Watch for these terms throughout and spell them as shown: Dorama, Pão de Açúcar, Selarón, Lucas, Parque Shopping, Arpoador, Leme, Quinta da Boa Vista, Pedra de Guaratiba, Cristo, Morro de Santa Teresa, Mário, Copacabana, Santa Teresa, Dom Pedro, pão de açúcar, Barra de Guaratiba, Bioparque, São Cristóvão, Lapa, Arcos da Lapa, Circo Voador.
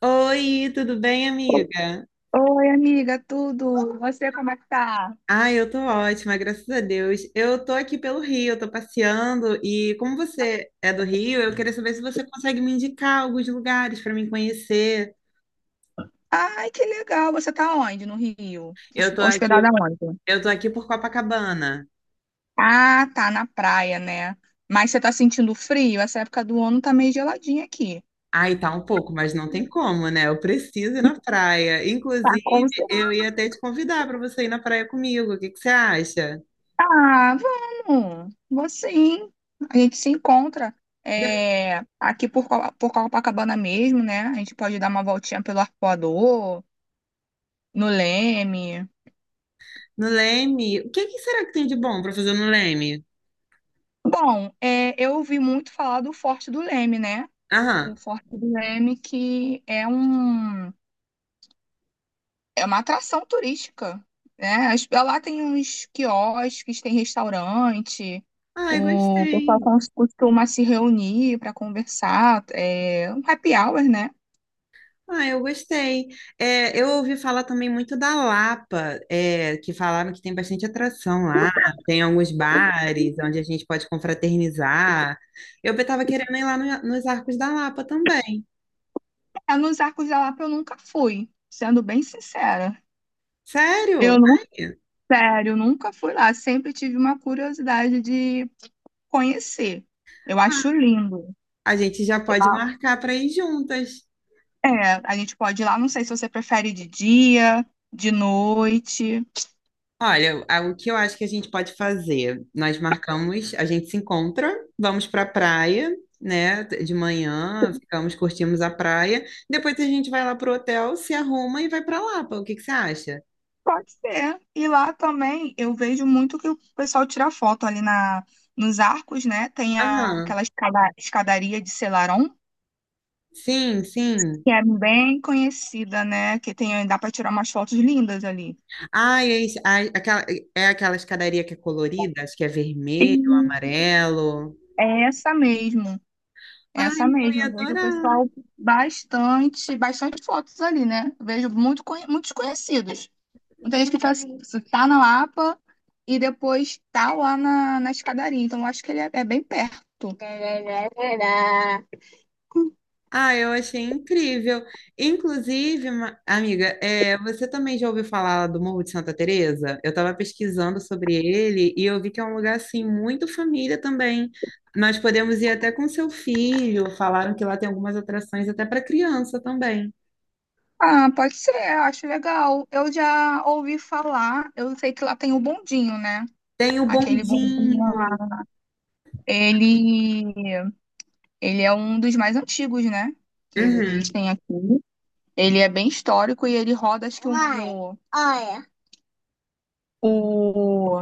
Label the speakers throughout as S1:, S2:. S1: Oi, tudo bem, amiga?
S2: Oi, amiga, tudo? Você como é que tá?
S1: Ah, eu tô ótima, graças a Deus. Eu tô aqui pelo Rio, eu tô passeando e como você é do Rio, eu queria saber se você consegue me indicar alguns lugares para me conhecer.
S2: Ai, que legal. Você tá onde? No Rio?
S1: Eu tô aqui,
S2: Hospedada onde?
S1: eu tô aqui por Copacabana.
S2: Ah, tá na praia, né? Mas você tá sentindo frio? Essa época do ano tá meio geladinha aqui.
S1: Ai, tá um pouco, mas não tem como, né? Eu preciso ir na praia.
S2: Tá com
S1: Inclusive, eu
S2: certeza.
S1: ia até te convidar para você ir na praia comigo. O que que você acha?
S2: Ah, vamos. Vou sim. A gente se encontra
S1: De-
S2: é, aqui por Copacabana mesmo, né? A gente pode dar uma voltinha pelo Arpoador, no Leme.
S1: No Leme, o que que será que tem de bom para fazer no Leme?
S2: Bom, é, eu ouvi muito falar do Forte do Leme, né? O
S1: Aham.
S2: Forte do Leme, é uma atração turística, né? Lá tem uns quiosques, tem restaurante,
S1: Ai,
S2: o pessoal
S1: gostei.
S2: costuma se reunir para conversar, é um happy hour, né?
S1: Ah, eu gostei. É, eu ouvi falar também muito da Lapa, é, que falaram que tem bastante atração lá, tem alguns bares onde a gente pode confraternizar. Eu estava querendo ir lá nos Arcos da Lapa também.
S2: É, nos Arcos da Lapa eu nunca fui, sendo bem sincera.
S1: Sério?
S2: Eu não, sério, nunca fui lá, sempre tive uma curiosidade de conhecer. Eu
S1: Ah,
S2: acho lindo.
S1: a gente já pode marcar para ir juntas.
S2: É, a gente pode ir lá, não sei se você prefere de dia, de noite.
S1: Olha, o que eu acho que a gente pode fazer? Nós marcamos, a gente se encontra, vamos para a praia, né? De manhã, ficamos, curtimos a praia. Depois a gente vai lá pro hotel, se arruma e vai para Lapa. O que que você acha?
S2: Pode ser. E lá também eu vejo muito que o pessoal tira foto nos arcos, né? Tem a,
S1: Aham.
S2: aquela escadaria de Selarón,
S1: Sim, sim.
S2: que é bem conhecida, né? Que tem, dá para tirar umas fotos lindas ali.
S1: Ah, é, isso- ah, aquela, É aquela escadaria que é colorida, acho que é vermelho,
S2: E
S1: amarelo.
S2: é essa mesmo, é
S1: Ai,
S2: essa
S1: eu
S2: mesmo.
S1: ia
S2: Eu vejo o
S1: adorar.
S2: pessoal bastante, bastante fotos ali, né? Vejo muito, muitos conhecidos. Muita gente tá na Lapa e depois tá na escadaria. Então, eu acho que ele é bem perto.
S1: Ah, eu achei incrível. Inclusive, amiga, é, você também já ouviu falar do Morro de Santa Teresa? Eu estava pesquisando sobre ele e eu vi que é um lugar assim muito família também. Nós podemos ir até com seu filho. Falaram que lá tem algumas atrações até para criança também.
S2: Ah, pode ser, eu acho legal. Eu já ouvi falar, eu sei que lá tem o bondinho, né?
S1: Tem o
S2: Aquele bondinho
S1: bondinho.
S2: lá. Ele, ele é um dos mais antigos, né? Que
S1: Uhum.
S2: existem aqui. Ele é bem histórico e ele roda, acho que olha, o,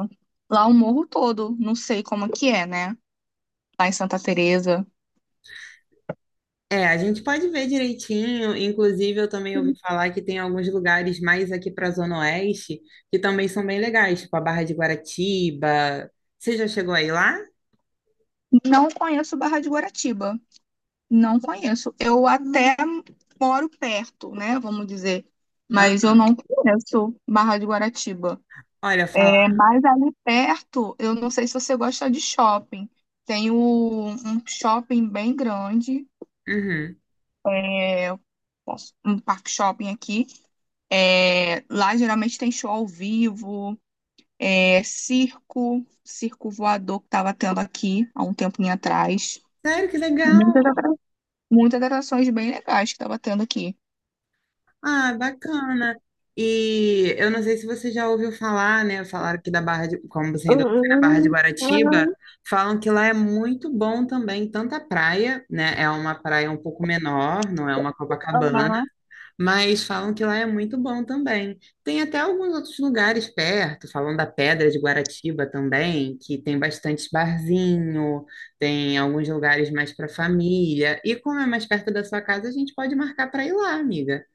S2: lá o morro todo. Não sei como que é, né? Lá em Santa Teresa.
S1: É, a gente pode ver direitinho. Inclusive, eu também ouvi falar que tem alguns lugares mais aqui para a Zona Oeste que também são bem legais, tipo a Barra de Guaratiba. Você já chegou aí lá?
S2: Não conheço Barra de Guaratiba. Não conheço. Eu até moro perto, né? Vamos dizer.
S1: Hã?
S2: Mas eu não conheço Barra de Guaratiba.
S1: Olha,
S2: É
S1: falar.
S2: mais ali perto, eu não sei se você gosta de shopping. Um shopping bem grande,
S1: Uhum.
S2: é, um parque shopping aqui. É, lá geralmente tem show ao vivo, é, circo, circo voador que estava tendo aqui há um tempinho atrás.
S1: Sério, que legal!
S2: Muitas muitas atrações bem legais que tava tendo aqui.
S1: Ah, bacana. E eu não sei se você já ouviu falar, né? Falaram que da Barra de, como você ainda não foi na Barra de
S2: Hum,
S1: Guaratiba, falam que lá é muito bom também, tanto a praia, né? É uma praia um pouco menor, não é uma Copacabana.
S2: aham.
S1: Mas falam que lá é muito bom também. Tem até alguns outros lugares perto, falam da Pedra de Guaratiba também, que tem bastante barzinho, tem alguns lugares mais para família. E como é mais perto da sua casa, a gente pode marcar para ir lá, amiga.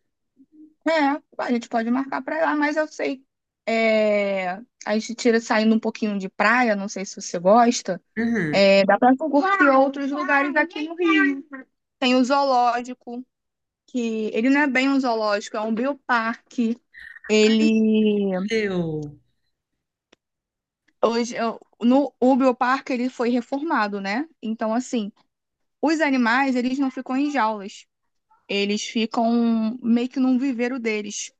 S2: É, a gente pode marcar pra lá, mas eu sei. É, a gente tira saindo um pouquinho de praia, não sei se você gosta.
S1: Uhum.
S2: É, dá pra curtir outros lugares aqui no Rio. Tem o zoológico, que ele não é bem um zoológico, é um bioparque.
S1: Ai, que
S2: Ele
S1: incrível!
S2: hoje eu- no o bioparque ele foi reformado, né? Então assim, os animais eles não ficam em jaulas. Eles ficam meio que num viveiro deles.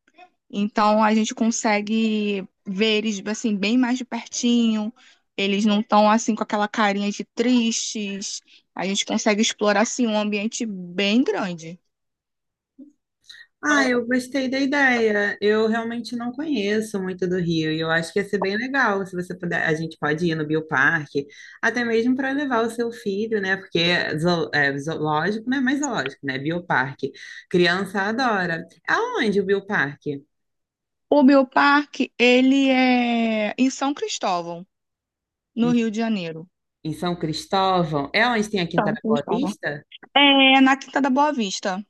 S2: Então a gente consegue ver eles assim bem mais de pertinho. Eles não estão assim com aquela carinha de tristes. A gente consegue explorar assim um ambiente bem grande.
S1: Ah, eu gostei da ideia. Eu realmente não conheço muito do Rio e eu acho que ia ser bem legal se você puder. A gente pode ir no Bioparque, até mesmo para levar o seu filho, né? Porque é é zoológico, né? Mais zoológico, né? Bioparque. Criança adora. É. Aonde o Bioparque?
S2: O bioparque, ele é em São Cristóvão, no
S1: Em,
S2: Rio de Janeiro.
S1: em São Cristóvão? É onde tem a Quinta
S2: São
S1: da Boa
S2: Cristóvão.
S1: Vista?
S2: É na Quinta da Boa Vista,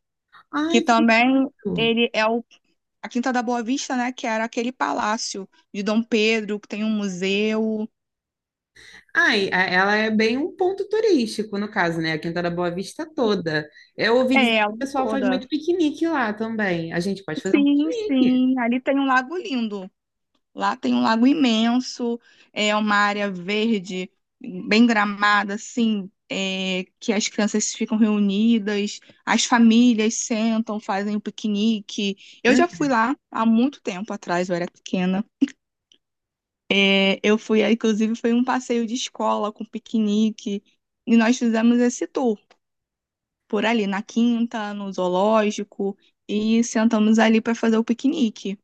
S2: que
S1: Ai, que
S2: também
S1: lindo!
S2: a Quinta da Boa Vista, né, que era aquele palácio de Dom Pedro, que tem um museu.
S1: Ah, e ela é bem um ponto turístico, no caso, né? A Quinta da Boa Vista toda. Eu ouvi dizer
S2: É, a
S1: que o
S2: lagoa
S1: pessoal faz muito
S2: toda.
S1: piquenique lá também. A gente pode fazer um
S2: Sim,
S1: piquenique.
S2: sim. Ali tem um lago lindo. Lá tem um lago imenso. É uma área verde, bem gramada, assim, é, que as crianças ficam reunidas, as famílias sentam, fazem um piquenique. Eu
S1: Hum?
S2: já fui lá há muito tempo atrás, eu era pequena. É, eu fui, é, inclusive, foi um passeio de escola com piquenique. E nós fizemos esse tour por ali, na Quinta, no zoológico, e sentamos ali para fazer o piquenique.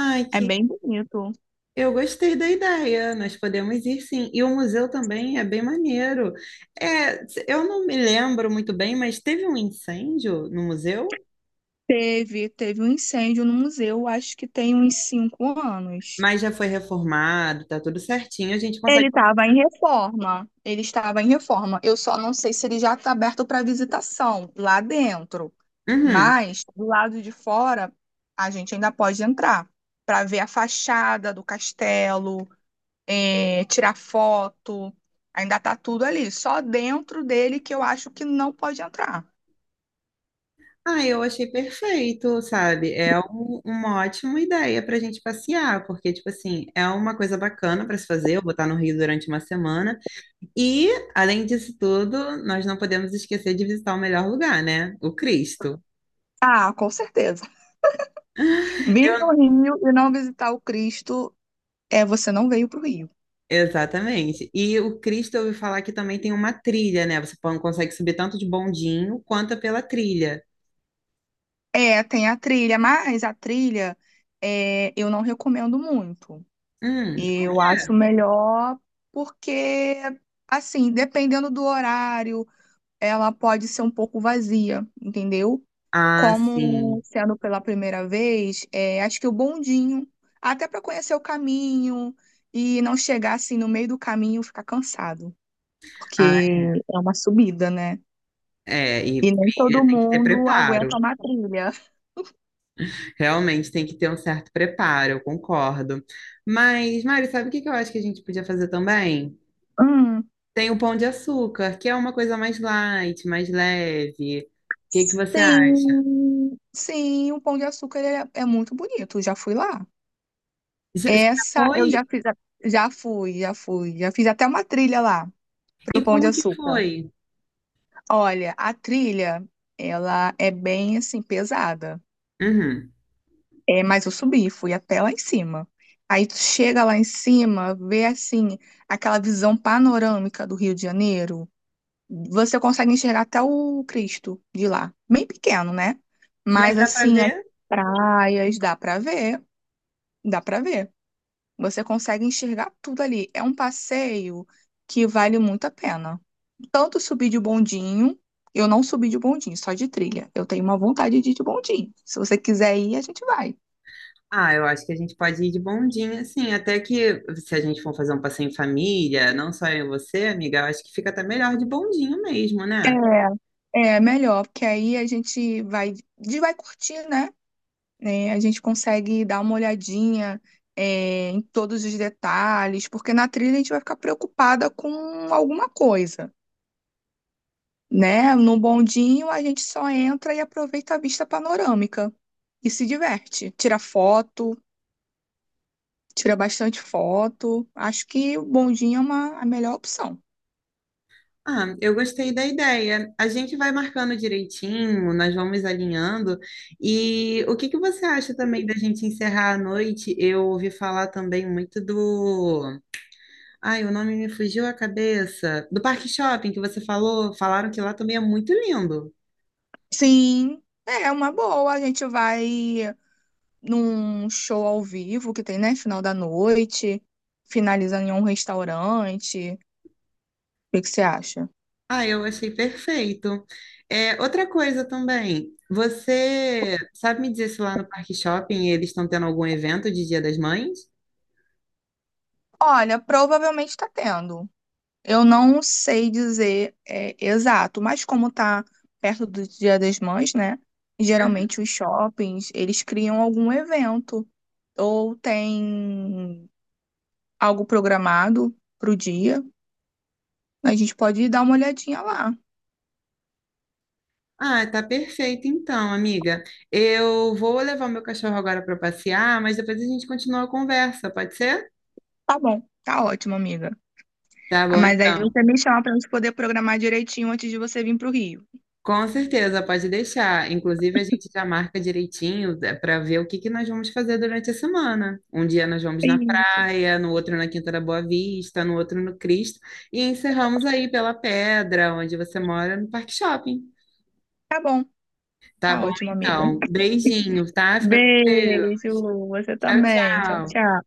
S1: Ai,
S2: É
S1: que
S2: bem bonito.
S1: Eu gostei da ideia. Nós podemos ir sim. E o museu também é bem maneiro. É, eu não me lembro muito bem, mas teve um incêndio no museu,
S2: Teve um incêndio no museu, acho que tem uns 5 anos.
S1: mas já foi reformado, tá tudo certinho. A gente
S2: Ele
S1: consegue.
S2: estava em reforma. Ele estava em reforma. Eu só não sei se ele já está aberto para visitação lá dentro.
S1: Uhum.
S2: Mas do lado de fora, a gente ainda pode entrar para ver a fachada do castelo, tirar foto. Ainda tá tudo ali. Só dentro dele que eu acho que não pode entrar.
S1: Ah, eu achei perfeito, sabe? É uma ótima ideia pra gente passear, porque, tipo assim, é uma coisa bacana pra se fazer. Eu vou estar no Rio durante uma semana. E, além disso tudo, nós não podemos esquecer de visitar o melhor lugar, né? O Cristo.
S2: Ah, com certeza. Vir no
S1: Eu-
S2: Rio e não visitar o Cristo é você não veio para o Rio.
S1: Exatamente. E o Cristo, eu ouvi falar que também tem uma trilha, né? Você consegue subir tanto de bondinho quanto pela trilha.
S2: É, tem a trilha, mas eu não recomendo muito.
S1: Hum.
S2: Eu acho melhor porque, assim, dependendo do horário, ela pode ser um pouco vazia, entendeu?
S1: Ah,
S2: Como
S1: sim.
S2: sendo pela primeira vez, é, acho que o bondinho, até para conhecer o caminho e não chegar assim no meio do caminho e ficar cansado, porque
S1: Ah,
S2: é uma subida, né?
S1: é. E
S2: E nem todo
S1: trilha tem que ter
S2: mundo
S1: preparo.
S2: aguenta uma trilha.
S1: Realmente tem que ter um certo preparo, eu concordo. Mas, Mário, sabe o que que eu acho que a gente podia fazer também?
S2: Hum,
S1: Tem o pão de açúcar, que é uma coisa mais light, mais leve. O que que você acha?
S2: sim, sim, o Pão de Açúcar é muito bonito, já fui lá.
S1: Já já
S2: Essa eu
S1: foi?
S2: já fiz, já fui, já fui, já fiz até uma trilha lá pro
S1: E
S2: Pão de
S1: como que
S2: Açúcar.
S1: foi?
S2: Olha, a trilha, ela é bem assim pesada.
S1: Uhum.
S2: É, mas eu subi, fui até lá em cima. Aí tu chega lá em cima, vê assim aquela visão panorâmica do Rio de Janeiro. Você consegue enxergar até o Cristo de lá. Bem pequeno, né? Mas
S1: Mas dá para
S2: assim, as
S1: ver?
S2: praias, dá pra ver, dá pra ver. Você consegue enxergar tudo ali. É um passeio que vale muito a pena. Tanto subir de bondinho, eu não subi de bondinho, só de trilha. Eu tenho uma vontade de ir de bondinho. Se você quiser ir, a gente vai.
S1: Ah, eu acho que a gente pode ir de bondinho, assim, até que se a gente for fazer um passeio em família, não só eu e você, amiga, eu acho que fica até melhor de bondinho mesmo, né?
S2: É, é melhor, porque aí a gente vai curtir, né? Né? A gente consegue dar uma olhadinha, é, em todos os detalhes, porque na trilha a gente vai ficar preocupada com alguma coisa, né? No bondinho a gente só entra e aproveita a vista panorâmica e se diverte, tira foto, tira bastante foto. Acho que o bondinho é uma, a melhor opção.
S1: Ah, eu gostei da ideia. A gente vai marcando direitinho, nós vamos alinhando. E o que que você acha também da gente encerrar a noite? Eu ouvi falar também muito do. Ai, o nome me fugiu a cabeça. Do Parque Shopping que você falou. Falaram que lá também é muito lindo.
S2: Sim, é uma boa. A gente vai num show ao vivo que tem, né? Final da noite, finalizando em um restaurante. Que você acha?
S1: Ah, eu achei perfeito. É, outra coisa também. Você sabe me dizer se lá no Parque Shopping eles estão tendo algum evento de Dia das Mães?
S2: Olha, provavelmente está tendo. Eu não sei dizer é, exato, mas como está perto do Dia das Mães, né? Geralmente os shoppings, eles criam algum evento ou tem algo programado para o dia. A gente pode dar uma olhadinha lá.
S1: Ah, tá perfeito então, amiga. Eu vou levar o meu cachorro agora para passear, mas depois a gente continua a conversa, pode ser?
S2: Tá bom, tá ótimo, amiga.
S1: Tá
S2: Ah,
S1: bom,
S2: mas aí
S1: então.
S2: você me chama para gente poder programar direitinho antes de você vir para o Rio.
S1: Com certeza, pode deixar. Inclusive, a gente já marca direitinho para ver o que que nós vamos fazer durante a semana. Um dia nós vamos na
S2: Ih,
S1: praia, no outro na Quinta da Boa Vista, no outro no Cristo, e encerramos aí pela Pedra, onde você mora, no Parque Shopping.
S2: tá bom,
S1: Tá
S2: tá
S1: bom,
S2: ótimo, amiga.
S1: então. Beijinho, tá? Fica com Deus.
S2: Beijo, você
S1: Tchau,
S2: também. Tchau,
S1: tchau.
S2: tchau.